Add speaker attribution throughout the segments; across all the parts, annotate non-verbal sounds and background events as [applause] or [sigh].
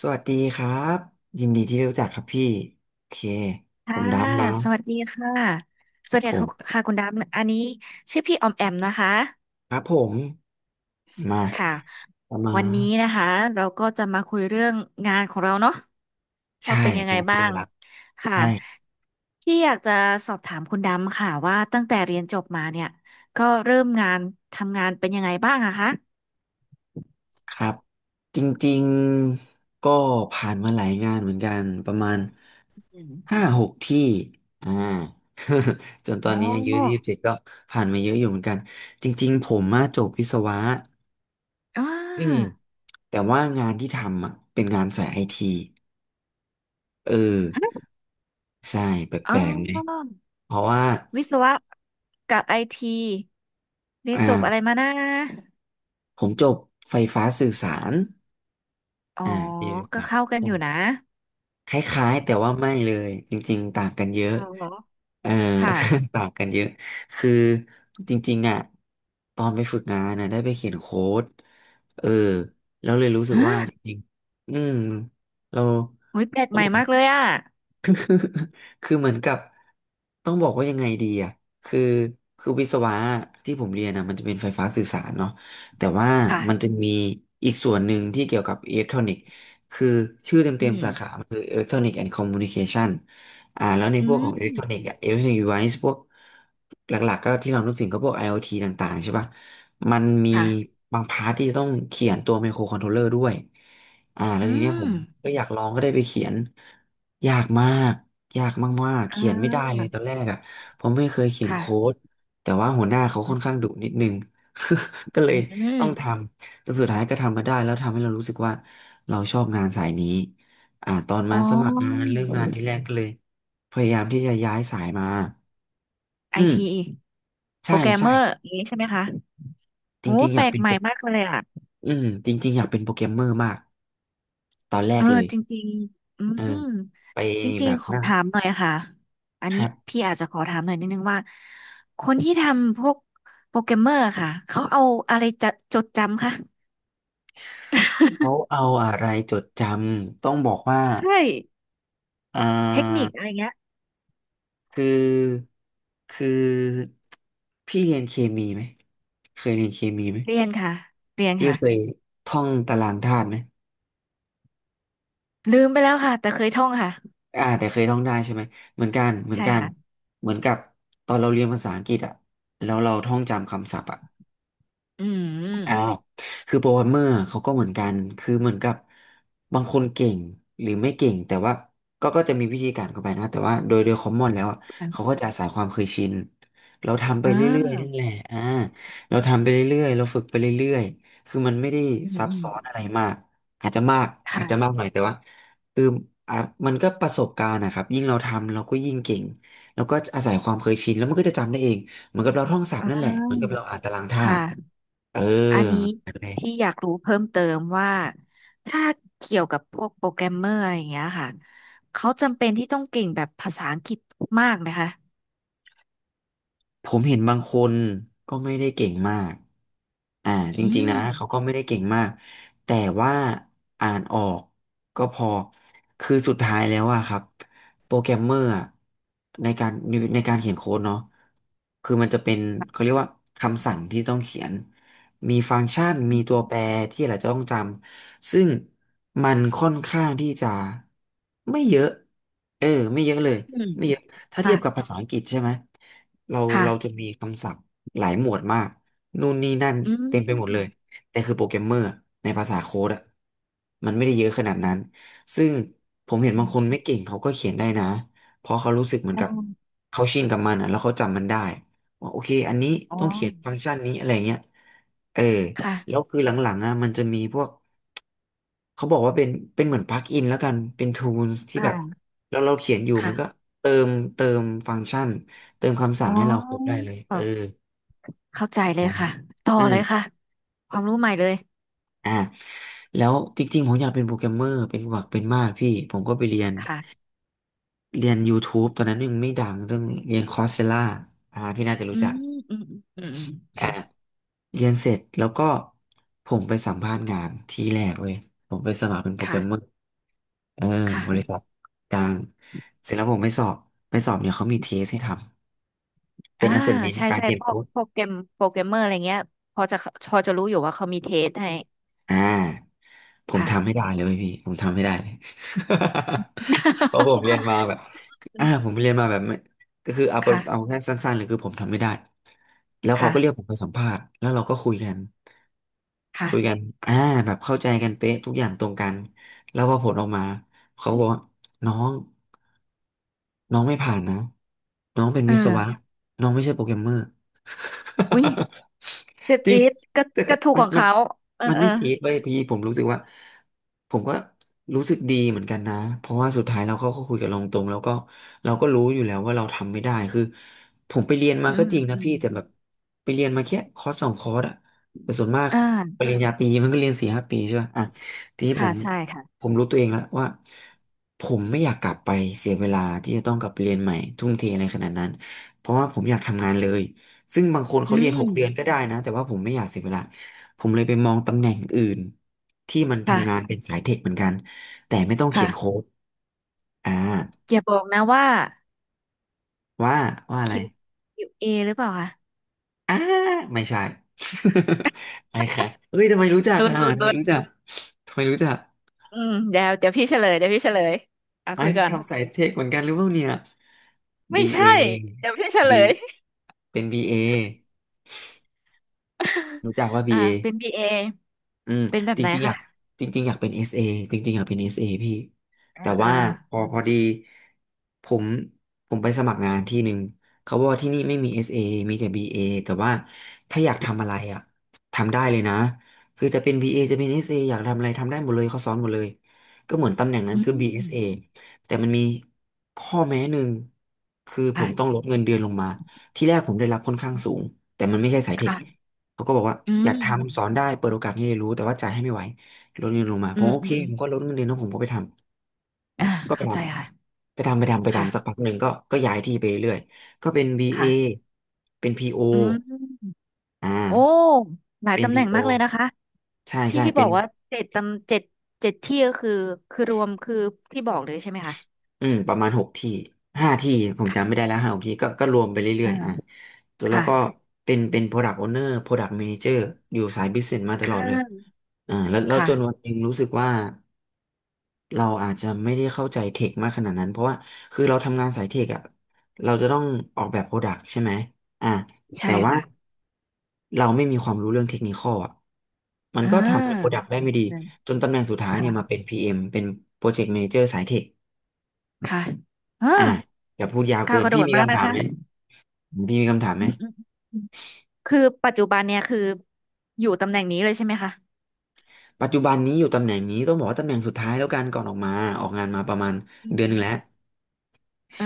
Speaker 1: สวัสดีครับยินดีที่รู้จักครับพี่โอเคผ
Speaker 2: ค่ะ
Speaker 1: มดำนะ
Speaker 2: สวัสดีค่ะ
Speaker 1: ค
Speaker 2: ส
Speaker 1: รั
Speaker 2: วัส
Speaker 1: บ
Speaker 2: ดี
Speaker 1: ผ
Speaker 2: ค่ะ
Speaker 1: ม
Speaker 2: ค่ะคุณดำอันนี้ชื่อพี่ออมแอมนะคะ
Speaker 1: ครับผมมา
Speaker 2: ค่ะ
Speaker 1: ปรามา
Speaker 2: วัน
Speaker 1: ณ
Speaker 2: นี้นะคะเราก็จะมาคุยเรื่องงานของเราเนาะ
Speaker 1: ใช่
Speaker 2: ว่าเป็นยังไง
Speaker 1: งาน
Speaker 2: บ้า
Speaker 1: เดียว
Speaker 2: ง
Speaker 1: รัก
Speaker 2: ค่ะ
Speaker 1: ใช่
Speaker 2: พี่อยากจะสอบถามคุณดำค่ะว่าตั้งแต่เรียนจบมาเนี่ยก็เริ่มงานทำงานเป็นยังไงบ้างอะคะ
Speaker 1: ครับจริงๆก็ผ่านมาหลายงานเหมือนกันประมาณ
Speaker 2: อื
Speaker 1: ห้า
Speaker 2: ม
Speaker 1: หกที่อ่า [laughs] จนตอ
Speaker 2: อ๋อ
Speaker 1: นนี้อายุ27ก็ผ่านมาเยอะอยู่เหมือนกันจริงๆผมมาจบวิศวะ
Speaker 2: อ่า
Speaker 1: อืมแต่ว่างานที่ทำอ่ะเป็นงานสายไอทีเออใช่แป
Speaker 2: อ๋
Speaker 1: ลกๆไหม
Speaker 2: อ
Speaker 1: เพราะว่า
Speaker 2: วิศวะกับไอทีเรีย
Speaker 1: อ่
Speaker 2: นจบอะไร
Speaker 1: า
Speaker 2: มานะ
Speaker 1: ผมจบไฟฟ้าสื่อสาร
Speaker 2: อ๋อ
Speaker 1: อ่าปีรู้
Speaker 2: ก็
Speaker 1: จัก
Speaker 2: เข้ากัน
Speaker 1: ตอ
Speaker 2: อ
Speaker 1: ง
Speaker 2: ยู่นะ
Speaker 1: คล้ายๆแต่ว่าไม่เลยจริงๆต่างกันเย
Speaker 2: อ๋อ
Speaker 1: อะ
Speaker 2: เหรอ
Speaker 1: เออ
Speaker 2: ค่ะ
Speaker 1: [laughs] ต่างกันเยอะคือจริงๆอ่ะตอนไปฝึกงานนะได้ไปเขียนโค้ดเออแล้วเลยรู้สึก
Speaker 2: ฮะ
Speaker 1: ว่าจริงๆอืมเรา
Speaker 2: โอ้ยแปลกใหม่มากเลยอ่ะ
Speaker 1: [laughs] คือเหมือนกับต้องบอกว่ายังไงดีอ่ะคือคือวิศวะที่ผมเรียนอ่ะมันจะเป็นไฟฟ้าสื่อสารเนาะแต่ว่ามันจะ
Speaker 2: ค่ะ
Speaker 1: มีอีกส่วนหนึ่งที่เกี่ยวกับอิเล็กทรอนิกส์คือชื่อ
Speaker 2: อื
Speaker 1: เต็มๆสาขา
Speaker 2: ม
Speaker 1: มันคืออิเล็กทรอนิกส์แอนด์คอมมูนิเคชันอ่าแล้วใน
Speaker 2: อื
Speaker 1: พวกข
Speaker 2: ม
Speaker 1: องอิเล็กทรอนิกส์อ่ะอิเล็กทรอนิกส์ดีไวซ์พวกหลักๆก็ที่เรานึกถึงก็พวก IoT ต่างๆใช่ป่ะมันมี
Speaker 2: ค่ะ
Speaker 1: บางพาร์ทที่จะต้องเขียนตัวไมโครคอนโทรลเลอร์ด้วยอ่าแล้ว
Speaker 2: อื
Speaker 1: ทีเนี้ยผ
Speaker 2: ม
Speaker 1: มก็อยากลองก็ได้ไปเขียน ยากมากยากมากๆ
Speaker 2: อ่
Speaker 1: เขียนไม่ได้เลย
Speaker 2: า
Speaker 1: ตอนแรกอ่ะผมไม่เคยเขียนโค้
Speaker 2: ค่ะ
Speaker 1: ดแต่ว่าหัวหน้าเขา
Speaker 2: อื
Speaker 1: ค่อน
Speaker 2: ม
Speaker 1: ข้างดุนิดนึง [laughs] ก็เล
Speaker 2: อ
Speaker 1: ยต้องท
Speaker 2: ม
Speaker 1: ำจนสุดท้ายก็ทำมาได้แล้วทำให้เรารู้สึกว่าเราชอบงานสายนี้อ่าตอน
Speaker 2: อ๋อ
Speaker 1: มาสมัครงานเริ่มงานที่แรกก็เลยพยายามที่จะย้ายสายมา
Speaker 2: ไอ
Speaker 1: อืม
Speaker 2: ที โป
Speaker 1: ใช่
Speaker 2: รแกรมเม
Speaker 1: ใช่
Speaker 2: อร์อย่างนี้ใช่ไหมคะ
Speaker 1: จ
Speaker 2: โอ้
Speaker 1: ริงๆอ
Speaker 2: แป
Speaker 1: ยา
Speaker 2: ล
Speaker 1: ก
Speaker 2: ก
Speaker 1: เป็น
Speaker 2: ให
Speaker 1: โป
Speaker 2: ม่
Speaker 1: ร
Speaker 2: มากเลยอ่ะ
Speaker 1: อืมจริงๆอยากเป็นโปรแกรมเมอร์มากตอนแร
Speaker 2: เอ
Speaker 1: ก
Speaker 2: อ
Speaker 1: เลย
Speaker 2: จริงๆอืม
Speaker 1: เออไป
Speaker 2: จริ
Speaker 1: แบ
Speaker 2: ง
Speaker 1: บ
Speaker 2: ๆขอ
Speaker 1: นั่ง
Speaker 2: ถาม
Speaker 1: ค
Speaker 2: หน่อยค่ะอันนี้
Speaker 1: รับ
Speaker 2: พี่อาจจะขอถามหน่อยนิดนึงว่าคนที่ทำพวกโปรแกรมเมอร์ค่ะเขาเอาอะไรจะจดจำคะ
Speaker 1: เขา
Speaker 2: [laughs]
Speaker 1: เอาอะไรจดจำต้องบอกว่า
Speaker 2: ใช่
Speaker 1: อ่
Speaker 2: เทคนิ
Speaker 1: า
Speaker 2: คอะไรเงี้ย
Speaker 1: คือคือพี่เรียนเคมีไหมเคยเรียนเคมีไหม
Speaker 2: เรียนค่ะเรียน
Speaker 1: พี่
Speaker 2: ค่ะ
Speaker 1: เคยท่องตารางธาตุไหม
Speaker 2: ลืมไปแล้วค่ะแต่เคยท่องค่ะ
Speaker 1: อ่าแต่เคยท่องได้ใช่ไหมเหมือนกันเหมือน
Speaker 2: ใช่
Speaker 1: กัน
Speaker 2: ค่ะ
Speaker 1: เหมือนกับตอนเราเรียนภาษาอังกฤษอะแล้วเราท่องจำคำศัพท์อะ
Speaker 2: อื
Speaker 1: อ้า
Speaker 2: ม
Speaker 1: วคือโปรแกรมเมอร์เขาก็เหมือนกัน คือเหมือนกับบางคนเก่งหรือไม่เก่งแต่ว่าก็จะมีวิธีการเข้าไปนะแต่ว่าโดยคอมมอนแล้วอะเขา
Speaker 2: ค่ะ
Speaker 1: ก็จะอาศัยความเคยชินเราทำไป
Speaker 2: เอ
Speaker 1: เรื่อยๆนั่นแห
Speaker 2: อ
Speaker 1: ละอ่าเราทำไปเรื่อยๆเราฝึกไปเรื่อยๆคือมันไม่ได้
Speaker 2: อืม
Speaker 1: ซับ
Speaker 2: อืม
Speaker 1: ซ้อนอะไรมากอาจจะมากอาจจะมา
Speaker 2: ค่ะ
Speaker 1: กหน่อยแต่ว่าคืออ่ะมันก็ประสบการณ์นะครับยิ่งเราทำเราก็ยิ่งเก่งแล้วก็อาศัยความเคยชินแล้วมันก็จะจำได้เองเหมือนกับเราท่องศัพ
Speaker 2: อ่
Speaker 1: ท์นั่นแหละเหมือนกับ
Speaker 2: า
Speaker 1: เราอ่านตารางธาตุ
Speaker 2: ค่ะ
Speaker 1: เออ
Speaker 2: อันนี้
Speaker 1: อะไร [laughs]
Speaker 2: พี่อยากรู้เพิ่มเติมว่าถ้าเกี่ยวกับพวกโปรแกรมเมอร์อะไรอย่างเงี้ยค่ะเขาจำเป็นที่ต้องเก่งแบบภาษาอังกฤษมากไหมคะ
Speaker 1: ผมเห็นบางคนก็ไม่ได้เก่งมากอ่า
Speaker 2: อื
Speaker 1: จริงๆนะ
Speaker 2: ม
Speaker 1: เขาก็ไม่ได้เก่งมาก แต่ว่าอ่านออกก็พอ คือสุดท้ายแล้วอะครับโปรแกรมเมอร์อะในการในการเขียนโค้ดเนาะคือมันจะเป็นเขาเรียกว่าคำสั่งที่ต้องเขียน มีฟังก์ชัน
Speaker 2: อื
Speaker 1: มีตัว
Speaker 2: ม
Speaker 1: แปรที่เราจะต้องจำ ซึ่งมันค่อนข้างที่จะไม่เยอะ เออไม่เยอะเลย
Speaker 2: อืม
Speaker 1: ไม่เยอะถ้าเทีย
Speaker 2: ค่ะ
Speaker 1: บกับภาษาอังกฤษใช่ไหม เรา
Speaker 2: ค่ะ
Speaker 1: เราจะมีคำศัพท์หลายหมวดมากนู่นนี่นั่น
Speaker 2: อื
Speaker 1: เต็มไปหมดเลย
Speaker 2: ม
Speaker 1: แต่คือโปรแกรมเมอร์ในภาษาโค้ดอะมันไม่ได้เยอะขนาดนั้นซึ่งผมเห็น
Speaker 2: อื
Speaker 1: บางคนไม่
Speaker 2: ม
Speaker 1: เก่งเขาก็เขียนได้นะเพราะเขารู้สึกเหมือ
Speaker 2: ได
Speaker 1: นกับ
Speaker 2: ้
Speaker 1: เขาชินกับมันอะแล้วเขาจำมันได้ว่าโอเคอันนี้
Speaker 2: อ๋อ
Speaker 1: ต้องเขียนฟังก์ชันนี้อะไรเงี้ยเออ
Speaker 2: ค่ะ
Speaker 1: แล้วคือหลังๆอ่ะมันจะมีพวก เขาบอกว่าเป็นเหมือนปลั๊กอินแล้วกันเป็น Tools ที่แบบ
Speaker 2: ค่ะ
Speaker 1: แล้วเราเขียนอยู่มั
Speaker 2: ค่ะ
Speaker 1: นก็เติมฟังก์ชันเติมคำสั่
Speaker 2: อ๋
Speaker 1: งให้เราครบได้
Speaker 2: อ
Speaker 1: เลยเออ
Speaker 2: เข้าใจเลย
Speaker 1: นะ
Speaker 2: ค่ะต่อ
Speaker 1: อื
Speaker 2: เล
Speaker 1: ม
Speaker 2: ยค่ะความรู้ใหม่เลย
Speaker 1: อ่าแล้วจริงๆผมอยากเป็นโปรแกรมเมอร์เป็นหวักเป็นมากพี่ผมก็ไปเรียน
Speaker 2: ค่ะ
Speaker 1: เรียน YouTube ตอนนั้นยังไม่ดังเรื่องเรียนคอร์สเซล่าอ่าพี่น่าจะรู้
Speaker 2: อื
Speaker 1: จั
Speaker 2: ม
Speaker 1: ก
Speaker 2: อืมอืมอืมอืมค่ะ
Speaker 1: เรียนเสร็จแล้วก็ผมไปสัมภาษณ์งานที่แรกเว้ยผมไปสมัครเป็นโปรแกรมเมอร์
Speaker 2: ค่ะ
Speaker 1: เออบริ
Speaker 2: ค่ะ
Speaker 1: ษัทกลางเสร็จแล้วผมไม่สอบไม่สอบเนี่ยเขามีเทสให้ทำเป็
Speaker 2: อ่า
Speaker 1: น assessment
Speaker 2: ใช่
Speaker 1: การ
Speaker 2: ใช่
Speaker 1: เขียน
Speaker 2: พว
Speaker 1: โค้
Speaker 2: ก
Speaker 1: ด
Speaker 2: พวกเกมโปรแกรมเมอร์อะไรเงี้ยพอจะพอจะรู้อยู่ว่าเขามีเทสให้
Speaker 1: อ่าผม
Speaker 2: ค่ะ
Speaker 1: ทำให้ได้เลยไหมพี่ผมทำให้ได้เลย [laughs] เพราะผมเรียนมาแบบผม
Speaker 2: [laughs]
Speaker 1: เรียนมาแบบไม่ก็คือเอาเอา
Speaker 2: ค่ะ
Speaker 1: แค่สั้นๆเลยคือผมทำไม่ได้แล้วเขาก็เรียกผม
Speaker 2: ค่ะ
Speaker 1: ไปสัมภาษณ์แล้วเราก็คุยกัน
Speaker 2: ค่ะ
Speaker 1: อ่าแบบเข้าใจกันเป๊ะทุกอย่างตรงกันแล้วพอผลออกมาเขาก็บอกว่าน้องน้องไม่ผ่านนะน้องเป็น
Speaker 2: เออ
Speaker 1: วิศวะน้องไม่ใช่โปรแกรมเมอร์
Speaker 2: อุ้ยเจ็บ
Speaker 1: [laughs] จริง
Speaker 2: จี๊ดก็
Speaker 1: แต่แต่
Speaker 2: ก็ถูก
Speaker 1: มั
Speaker 2: ข
Speaker 1: น
Speaker 2: อง
Speaker 1: มัน
Speaker 2: เขาเออ
Speaker 1: มัน
Speaker 2: เอ
Speaker 1: ไม่
Speaker 2: อ
Speaker 1: จี๊ดเว้ยพี่ผมรู้สึกว่าผมก็รู้สึกดีเหมือนกันนะเพราะว่าสุดท้ายเราก็คุยกับเราตรงแล้วก็เราก็รู้อยู่แล้วว่าเราทำไม่ได้คือผมไปเรียนมา
Speaker 2: อื
Speaker 1: ก็
Speaker 2: ม
Speaker 1: จริงนะ
Speaker 2: อืม
Speaker 1: พี่แต่แบบไปเรียนมาแค่คอร์สสองคอร์สอะแต่ส่วนมาก
Speaker 2: อ่า
Speaker 1: ปริญญาตรีมันก็เรียนสี่ห้าปีใช่ป่ะอ่ะทีนี้ผ
Speaker 2: ค่ะ
Speaker 1: ม
Speaker 2: ใช่ค่ะ
Speaker 1: ผมรู้ตัวเองแล้วว่าผมไม่อยากกลับไปเสียเวลาที่จะต้องกลับไปเรียนใหม่ทุ่มเทอะไรขนาดนั้นเพราะว่าผมอยากทำงานเลยซึ่งบางคน
Speaker 2: อื
Speaker 1: เขาเรียนหก
Speaker 2: ม
Speaker 1: เดือนก็ได้นะแต่ว่าผมไม่อยากเสียเวลา ผมเลยไปมองตำแหน่งอื่นที่มันทำงาน
Speaker 2: ค่ะ
Speaker 1: เป็นสายเทคเหมือนกันแต่ไม่ต้องเขีย
Speaker 2: ค่ะ
Speaker 1: นโค้ดอ่า
Speaker 2: อย่าบอกนะว่า
Speaker 1: ว่าว่าอะ
Speaker 2: Q
Speaker 1: ไร
Speaker 2: เ a หรือเปล่าคะ
Speaker 1: อ่าไม่ใช่ [laughs] อะไรค่ะเฮ้ยทำไมรู้จัก
Speaker 2: รุน
Speaker 1: อ่ะ
Speaker 2: รุน
Speaker 1: ทำไม
Speaker 2: รุน
Speaker 1: รู้จักทำไมรู้จัก
Speaker 2: อืมเดี๋ยวพี่เฉลยเดี๋ยวพี่เฉลยอ่ะ
Speaker 1: ไอ้
Speaker 2: คุย
Speaker 1: ท
Speaker 2: กัน
Speaker 1: ทำสายเทคเหมือนกันหรือเปล่าเนี่ย
Speaker 2: ไม่
Speaker 1: BA
Speaker 2: ใช่เดี๋ยวพี่เฉ
Speaker 1: B
Speaker 2: ลย
Speaker 1: เป็น BA
Speaker 2: [laughs]
Speaker 1: รู้จักว่า
Speaker 2: อ่า
Speaker 1: BA
Speaker 2: เป็นบีเอ
Speaker 1: อืม
Speaker 2: เป็นแบบ
Speaker 1: จ
Speaker 2: ไหน
Speaker 1: ริงๆอ
Speaker 2: คะ
Speaker 1: ยากจริงๆอยากเป็น SA จริงๆอยากเป็นเอสเอพี่
Speaker 2: อ่า
Speaker 1: แต่
Speaker 2: อ่า
Speaker 1: ว่าพอพอดีผมผมไปสมัครงานที่หนึ่งเขาบอกว่าที่นี่ไม่มี SA มีแต่บีเ a แต่ว่าถ้าอยากทำอะไรอ่ะทำได้เลยนะคือจะเป็น BA จะเป็น SA อสเออยากทำอะไรทำได้หมดเลยเขาสอนหมดเลยก็เหมือนตำแหน่งนั้น
Speaker 2: อื
Speaker 1: คือ BSA
Speaker 2: ม
Speaker 1: แต่มันมีข้อแม้หนึ่งคือผมต้องล
Speaker 2: ค่ะ
Speaker 1: ดเงินเดือนลงมาที่แรกผมได้รับค่อนข้างสูงแต่มันไม่ใช่สายเทค
Speaker 2: ค่ะ
Speaker 1: เขาก็บอกว่า
Speaker 2: อื
Speaker 1: อยาก
Speaker 2: ม
Speaker 1: ทำสอนได้เปิดโอกาสให้เรียนรู้แต่ว่าจ่ายให้ไม่ไหวลดเงินลงมา
Speaker 2: อื
Speaker 1: ผม
Speaker 2: ม
Speaker 1: โอ
Speaker 2: อื
Speaker 1: เค
Speaker 2: มอม
Speaker 1: ผมก็ลดเงินเดือนแล้วผมก็ไปทำ
Speaker 2: อ่า
Speaker 1: ก็ไป
Speaker 2: เข้า
Speaker 1: ท
Speaker 2: ใจค่ะ
Speaker 1: ำไปทำไปทำไป
Speaker 2: ค่ะ
Speaker 1: ทำสักพักหนึ่งก็ย้ายที่ไปเรื่อยก็เป็น BA เอ
Speaker 2: ค่ะ
Speaker 1: เป็น PO
Speaker 2: อืม
Speaker 1: อ่า
Speaker 2: โอ้หลาย
Speaker 1: เป็น
Speaker 2: ตำแห
Speaker 1: พี
Speaker 2: น่ง
Speaker 1: โอ
Speaker 2: มากเลยนะคะ
Speaker 1: ใช่
Speaker 2: ที่
Speaker 1: ใช่
Speaker 2: ที่
Speaker 1: เป็
Speaker 2: บอ
Speaker 1: น
Speaker 2: กว่าเจ็ดตำเจ็ดเจ็ดที่ก็คือคือรวมคือที่บอกเลยใช่ไหมคะ
Speaker 1: อืมประมาณหกที่ห้าที่ผมจำไม่
Speaker 2: ค่ะ
Speaker 1: ได้แล้วห้าหกที่ก็รวมไปเรื่อ
Speaker 2: อ่า
Speaker 1: ยๆอ่ะตัวเรา
Speaker 2: ค่ะ
Speaker 1: ก็เป็น Product Owner Product Manager อยู่สาย Business มาต
Speaker 2: อ่
Speaker 1: ลอดเลย
Speaker 2: า
Speaker 1: แล้วจนวัน
Speaker 2: ค่ะ
Speaker 1: หนึ่งรู้สึกว่า เราอาจจะไม่ได้เข้าใจเทคมากขนาดนั้นเพราะว่าคือเราทำงานสายเทคอะเราจะต้องออกแบบโปรดักต์ใช่ไหมอ่ะ
Speaker 2: ใช่
Speaker 1: แต่ว่า
Speaker 2: ค่ะ
Speaker 1: เราไม่มีความรู้เรื่องเทคนิคอลอะมัน
Speaker 2: เอ่
Speaker 1: ก็ทำให้โปรดั
Speaker 2: า
Speaker 1: กต์ได้ไม่ดี
Speaker 2: ค
Speaker 1: จนตำแหน่งสุดท้ายเนี่
Speaker 2: ่ะ
Speaker 1: ยมาเป็น PM เอ็มเป็น Project Manager สายเทค
Speaker 2: ค่ะเออ
Speaker 1: อ่ะอย่าพูดยาวเกิ
Speaker 2: ก้าว
Speaker 1: น
Speaker 2: กระโด
Speaker 1: พี่
Speaker 2: ด
Speaker 1: มี
Speaker 2: มาก
Speaker 1: คำ
Speaker 2: นะ
Speaker 1: ถาม
Speaker 2: คะ
Speaker 1: ไหมพี่มีคำถามไหม
Speaker 2: อืม คือปัจจุบันเนี่ยคืออยู่ตำแหน่งนี้เลยใช่ไหมคะ
Speaker 1: ปัจจุบันนี้อยู่ตำแหน่งนี้ต้องบอกว่าตำแหน่งสุดท้ายแล้วกันก่อนออกมาออกงานมาประมาณ
Speaker 2: อืม
Speaker 1: เดือน
Speaker 2: อื
Speaker 1: ห
Speaker 2: ม
Speaker 1: นึ่งแล้ว
Speaker 2: เออ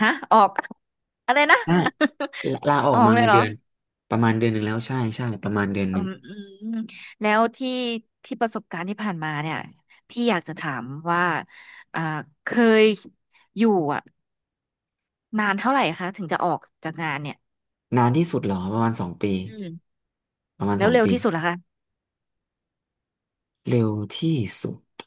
Speaker 2: ฮะออก [laughs] อะไรนะ
Speaker 1: ใช่ลาอ
Speaker 2: [laughs]
Speaker 1: อ
Speaker 2: อ
Speaker 1: ก
Speaker 2: อก
Speaker 1: มา
Speaker 2: เลย
Speaker 1: เงิน
Speaker 2: เหร
Speaker 1: เดื
Speaker 2: อ
Speaker 1: อนประมาณเดือนหนึ่งแล้วใช่ใช่ประมาณเดือนห
Speaker 2: อื
Speaker 1: นึ่ง
Speaker 2: มอืมอืมแล้วที่ประสบการณ์ที่ผ่านมาเนี่ยพี่อยากจะถามว่าอ่าเคยอยู่อ่ะนานเท่าไหร่คะถึงจะออกจากงานเนี่ย
Speaker 1: นานที่สุดเหรอประมาณสองปี
Speaker 2: อืม
Speaker 1: ประมาณ
Speaker 2: แล้
Speaker 1: ส
Speaker 2: ว
Speaker 1: อง
Speaker 2: เร็ว
Speaker 1: ปี
Speaker 2: ที่สุดเหรอคะ
Speaker 1: เร็วที่สุด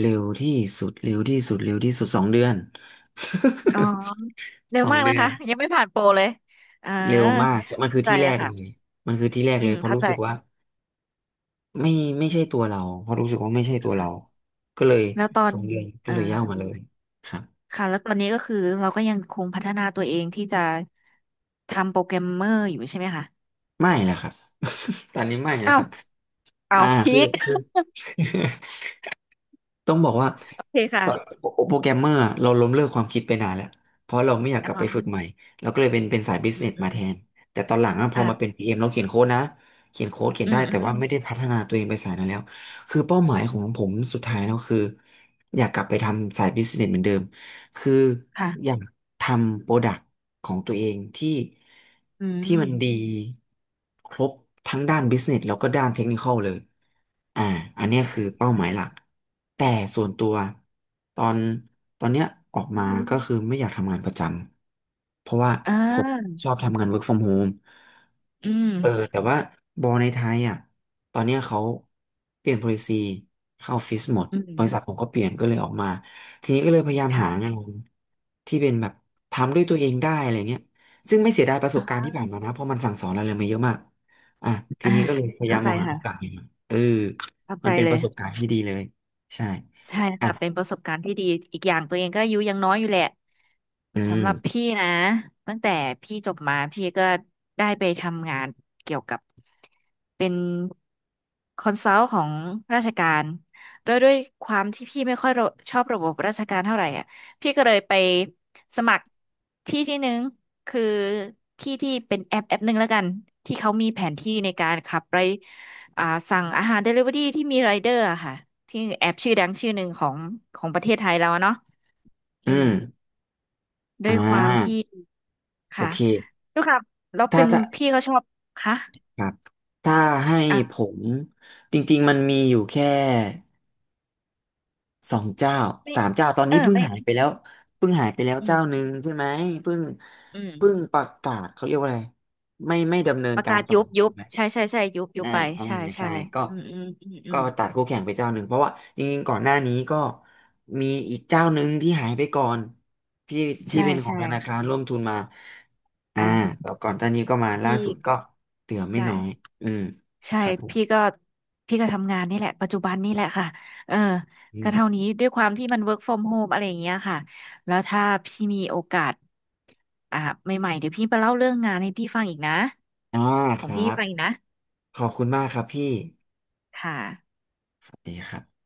Speaker 1: เร็วที่สุดเร็วที่สุดเร็วที่สุดสองเดือน
Speaker 2: อ๋อเร็
Speaker 1: [laughs] ส
Speaker 2: ว
Speaker 1: อง
Speaker 2: มาก
Speaker 1: เดื
Speaker 2: นะ
Speaker 1: อ
Speaker 2: คะ
Speaker 1: น
Speaker 2: ยังไม่ผ่านโปรเลยเออ
Speaker 1: เร็วมากมันคื
Speaker 2: เข้า
Speaker 1: อ
Speaker 2: ใจ
Speaker 1: ที่แร
Speaker 2: แล้ว
Speaker 1: กเลย
Speaker 2: ค่ะ
Speaker 1: มันคือที่แรก
Speaker 2: อื
Speaker 1: เลย
Speaker 2: ม
Speaker 1: เพราะ
Speaker 2: เข้า
Speaker 1: รู้
Speaker 2: ใจ
Speaker 1: สึกว่าไม่ไม่ใช่ตัวเราเพราะรู้สึกว่าไม่ใช่ตัวเรา
Speaker 2: ค่ะ
Speaker 1: ก็เลย
Speaker 2: แล้วตอ
Speaker 1: ส
Speaker 2: น
Speaker 1: องเดือนก็
Speaker 2: เออ
Speaker 1: เลยย่างมาเลยครับ
Speaker 2: ค่ะแล้วตอนนี้ก็คือเราก็ยังคงพัฒนาตัวเองที่จะทำโปรแกรมเมอร์อยู่ใช่ไหมคะ
Speaker 1: ไม่แหละครับ [laughs] ตอนนี้ไม่นะ
Speaker 2: อ้า
Speaker 1: ค
Speaker 2: ว
Speaker 1: รับ
Speaker 2: อ้า
Speaker 1: อ่า
Speaker 2: วพี
Speaker 1: คือ
Speaker 2: ค
Speaker 1: คือ [laughs] ต้องบอกว่า
Speaker 2: โอเค
Speaker 1: ตอน
Speaker 2: ค่ะ
Speaker 1: โปรแกรมเมอร์อะเราล้มเลิกความคิดไปนานแล้วเพราะเราไม่อยากกลับ
Speaker 2: อ๋อ
Speaker 1: ไปฝึกใหม่เราก็เลยเป็นสายบิส
Speaker 2: อื
Speaker 1: เน
Speaker 2: ม
Speaker 1: ส
Speaker 2: อื
Speaker 1: มา
Speaker 2: ม
Speaker 1: แทนแต่ตอนหลังอะพอมาเป็น
Speaker 2: อ่ะ
Speaker 1: PM เอ็มเราเขียนโค้ดนะเขียนโค้ดเขียน
Speaker 2: อื
Speaker 1: ได้
Speaker 2: มอื
Speaker 1: แต่
Speaker 2: ม
Speaker 1: ว่าไม่ได้พัฒนาตัวเองไปสายนั้นแล้วคือเป้าหมายของผมสุดท้ายแล้วคืออยากกลับไปทำสายบิสเนสเหมือนเดิม คืออ
Speaker 2: ค่ะ
Speaker 1: ยากทำโปรดักต์ของตัวเองที่
Speaker 2: อื
Speaker 1: ที่มันดี
Speaker 2: ม
Speaker 1: ครบทั้งด้านบิสเนสแล้วก็ด้านเทคนิคอลเลยอ่าอันเนี้ยคือเป้าหมายหลักแต่ส่วนตัวตอนตอนเนี้ยออกมาก็คือไม่อยากทำงานประจำเพราะว่า
Speaker 2: เ
Speaker 1: ผม
Speaker 2: ออ
Speaker 1: ชอบทำงาน work from home
Speaker 2: อืม
Speaker 1: เออแต่ว่าบอลในไทยอ่ะตอนเนี้ยเขาเปลี่ยน policy เข้าออฟฟิศหมด
Speaker 2: อืม
Speaker 1: บริษัทผมก็เปลี่ยนก็เลยออกมาทีนี้ก็เลยพยายามหางา
Speaker 2: ค่ะ
Speaker 1: นที่เป็นแบบทำด้วยตัวเองได้อะไรเงี้ยซึ่งไม่เสียดายประสบการณ์ที่ผ่านมานะเพราะมันสั่งสอนอะไรมาเยอะมากอ่ะที
Speaker 2: อ่ะ
Speaker 1: นี้ก็เลยพยายา
Speaker 2: เข้า
Speaker 1: มม
Speaker 2: ใจ
Speaker 1: องหาโอกาส
Speaker 2: ค่ะ
Speaker 1: ใหม่ๆเออ
Speaker 2: เข้า
Speaker 1: มั
Speaker 2: ใจ
Speaker 1: นเป็น
Speaker 2: เล
Speaker 1: ป
Speaker 2: ย
Speaker 1: ระสบการณ์ที่ดีเลยใช่
Speaker 2: ใช่
Speaker 1: อ่ะ
Speaker 2: ค่ะเป็นประสบการณ์ที่ดีอีกอย่างตัวเองก็อายุยังน้อยอยู่แหละ
Speaker 1: อื
Speaker 2: สำหรับ
Speaker 1: ม
Speaker 2: พี่นะตั้งแต่พี่จบมาพี่ก็ได้ไปทำงานเกี่ยวกับเป็นคอนซัลท์ของราชการโดยด้วยความที่พี่ไม่ค่อยระชอบระบบราชการเท่าไหร่อ่ะพี่ก็เลยไปสมัครที่หนึ่งคือที่ที่เป็นแอปแอปหนึ่งแล้วกันที่เขามีแผนที่ในการขับไป อ่าสั่งอาหารเดลิเวอรี่ที่มีไรเดอร์อะค่ะที่แอปชื่อดังชื่อหนึ่งของของประเทศไทยเราอะเนาะอื
Speaker 1: อื
Speaker 2: ม
Speaker 1: ม
Speaker 2: ด้
Speaker 1: อ่
Speaker 2: วยความที่
Speaker 1: าโอ
Speaker 2: ค่ะ
Speaker 1: เค
Speaker 2: ด้วยความเรับแล้ว
Speaker 1: ถ้า
Speaker 2: เป็น
Speaker 1: ถ้า
Speaker 2: พี่ก็ชอบค่ะ
Speaker 1: ครับถ้าให้ผ
Speaker 2: อ่ะ
Speaker 1: มจริงๆมันมีอยู่แค่สองเจ้า
Speaker 2: ไม่
Speaker 1: สามเจ้าตอน
Speaker 2: เอ
Speaker 1: นี้
Speaker 2: อ
Speaker 1: เพิ่ง
Speaker 2: ไม่
Speaker 1: หายไปแล้วเพิ่งหายไปแล้ว
Speaker 2: อื
Speaker 1: เจ้าหนึ่
Speaker 2: ม
Speaker 1: งใช่ไหมเพิ่ง
Speaker 2: อืม
Speaker 1: เพิ่งประกาศเขาเรียกว่าอะไรไม่ดำเนิน
Speaker 2: ประ
Speaker 1: การ
Speaker 2: กาศ
Speaker 1: ต่อ
Speaker 2: ยุบยุบใช่ใช่ใช่ยุบยุ
Speaker 1: อ่า
Speaker 2: บไป
Speaker 1: อ่า
Speaker 2: ใช่ใช่
Speaker 1: ใช่ก็
Speaker 2: อืมอืมอืมอื
Speaker 1: ก็
Speaker 2: ม
Speaker 1: ตัดคู่แข่งไปเจ้าหนึ่งเพราะว่าจริงๆก่อนหน้านี้ก็มีอีกเจ้าหนึ่งที่หายไปก่อนที่ที่
Speaker 2: ใช่
Speaker 1: เป็นของ
Speaker 2: ใช่
Speaker 1: ธนาคารร่วมทุนมาอ่า
Speaker 2: อ่ะ
Speaker 1: แล้วก่อนตอนนี้ก็มา
Speaker 2: พ
Speaker 1: ล่า
Speaker 2: ี่
Speaker 1: สุดก็เหลือไม่
Speaker 2: ได้
Speaker 1: น้อยอืม
Speaker 2: ใช่
Speaker 1: ครับผ
Speaker 2: พี่
Speaker 1: ม
Speaker 2: ก็พี่ก็ทำงานนี่แหละปัจจุบันนี่แหละค่ะเออ
Speaker 1: อื
Speaker 2: ก็
Speaker 1: ม
Speaker 2: เท่านี้ด้วยความที่มัน work from home อะไรอย่างเงี้ยค่ะแล้วถ้าพี่มีโอกาสอ่าใหม่ๆเดี๋ยวพี่ไปเล่าเรื่องงานให้พี่ฟังอีกนะ
Speaker 1: อ่า
Speaker 2: ข
Speaker 1: ค
Speaker 2: อง
Speaker 1: รั
Speaker 2: พี่
Speaker 1: บ
Speaker 2: ฟังอีกนะ
Speaker 1: ขอบคุณมากครับพี่
Speaker 2: ค่ะ
Speaker 1: สวัสดีครับ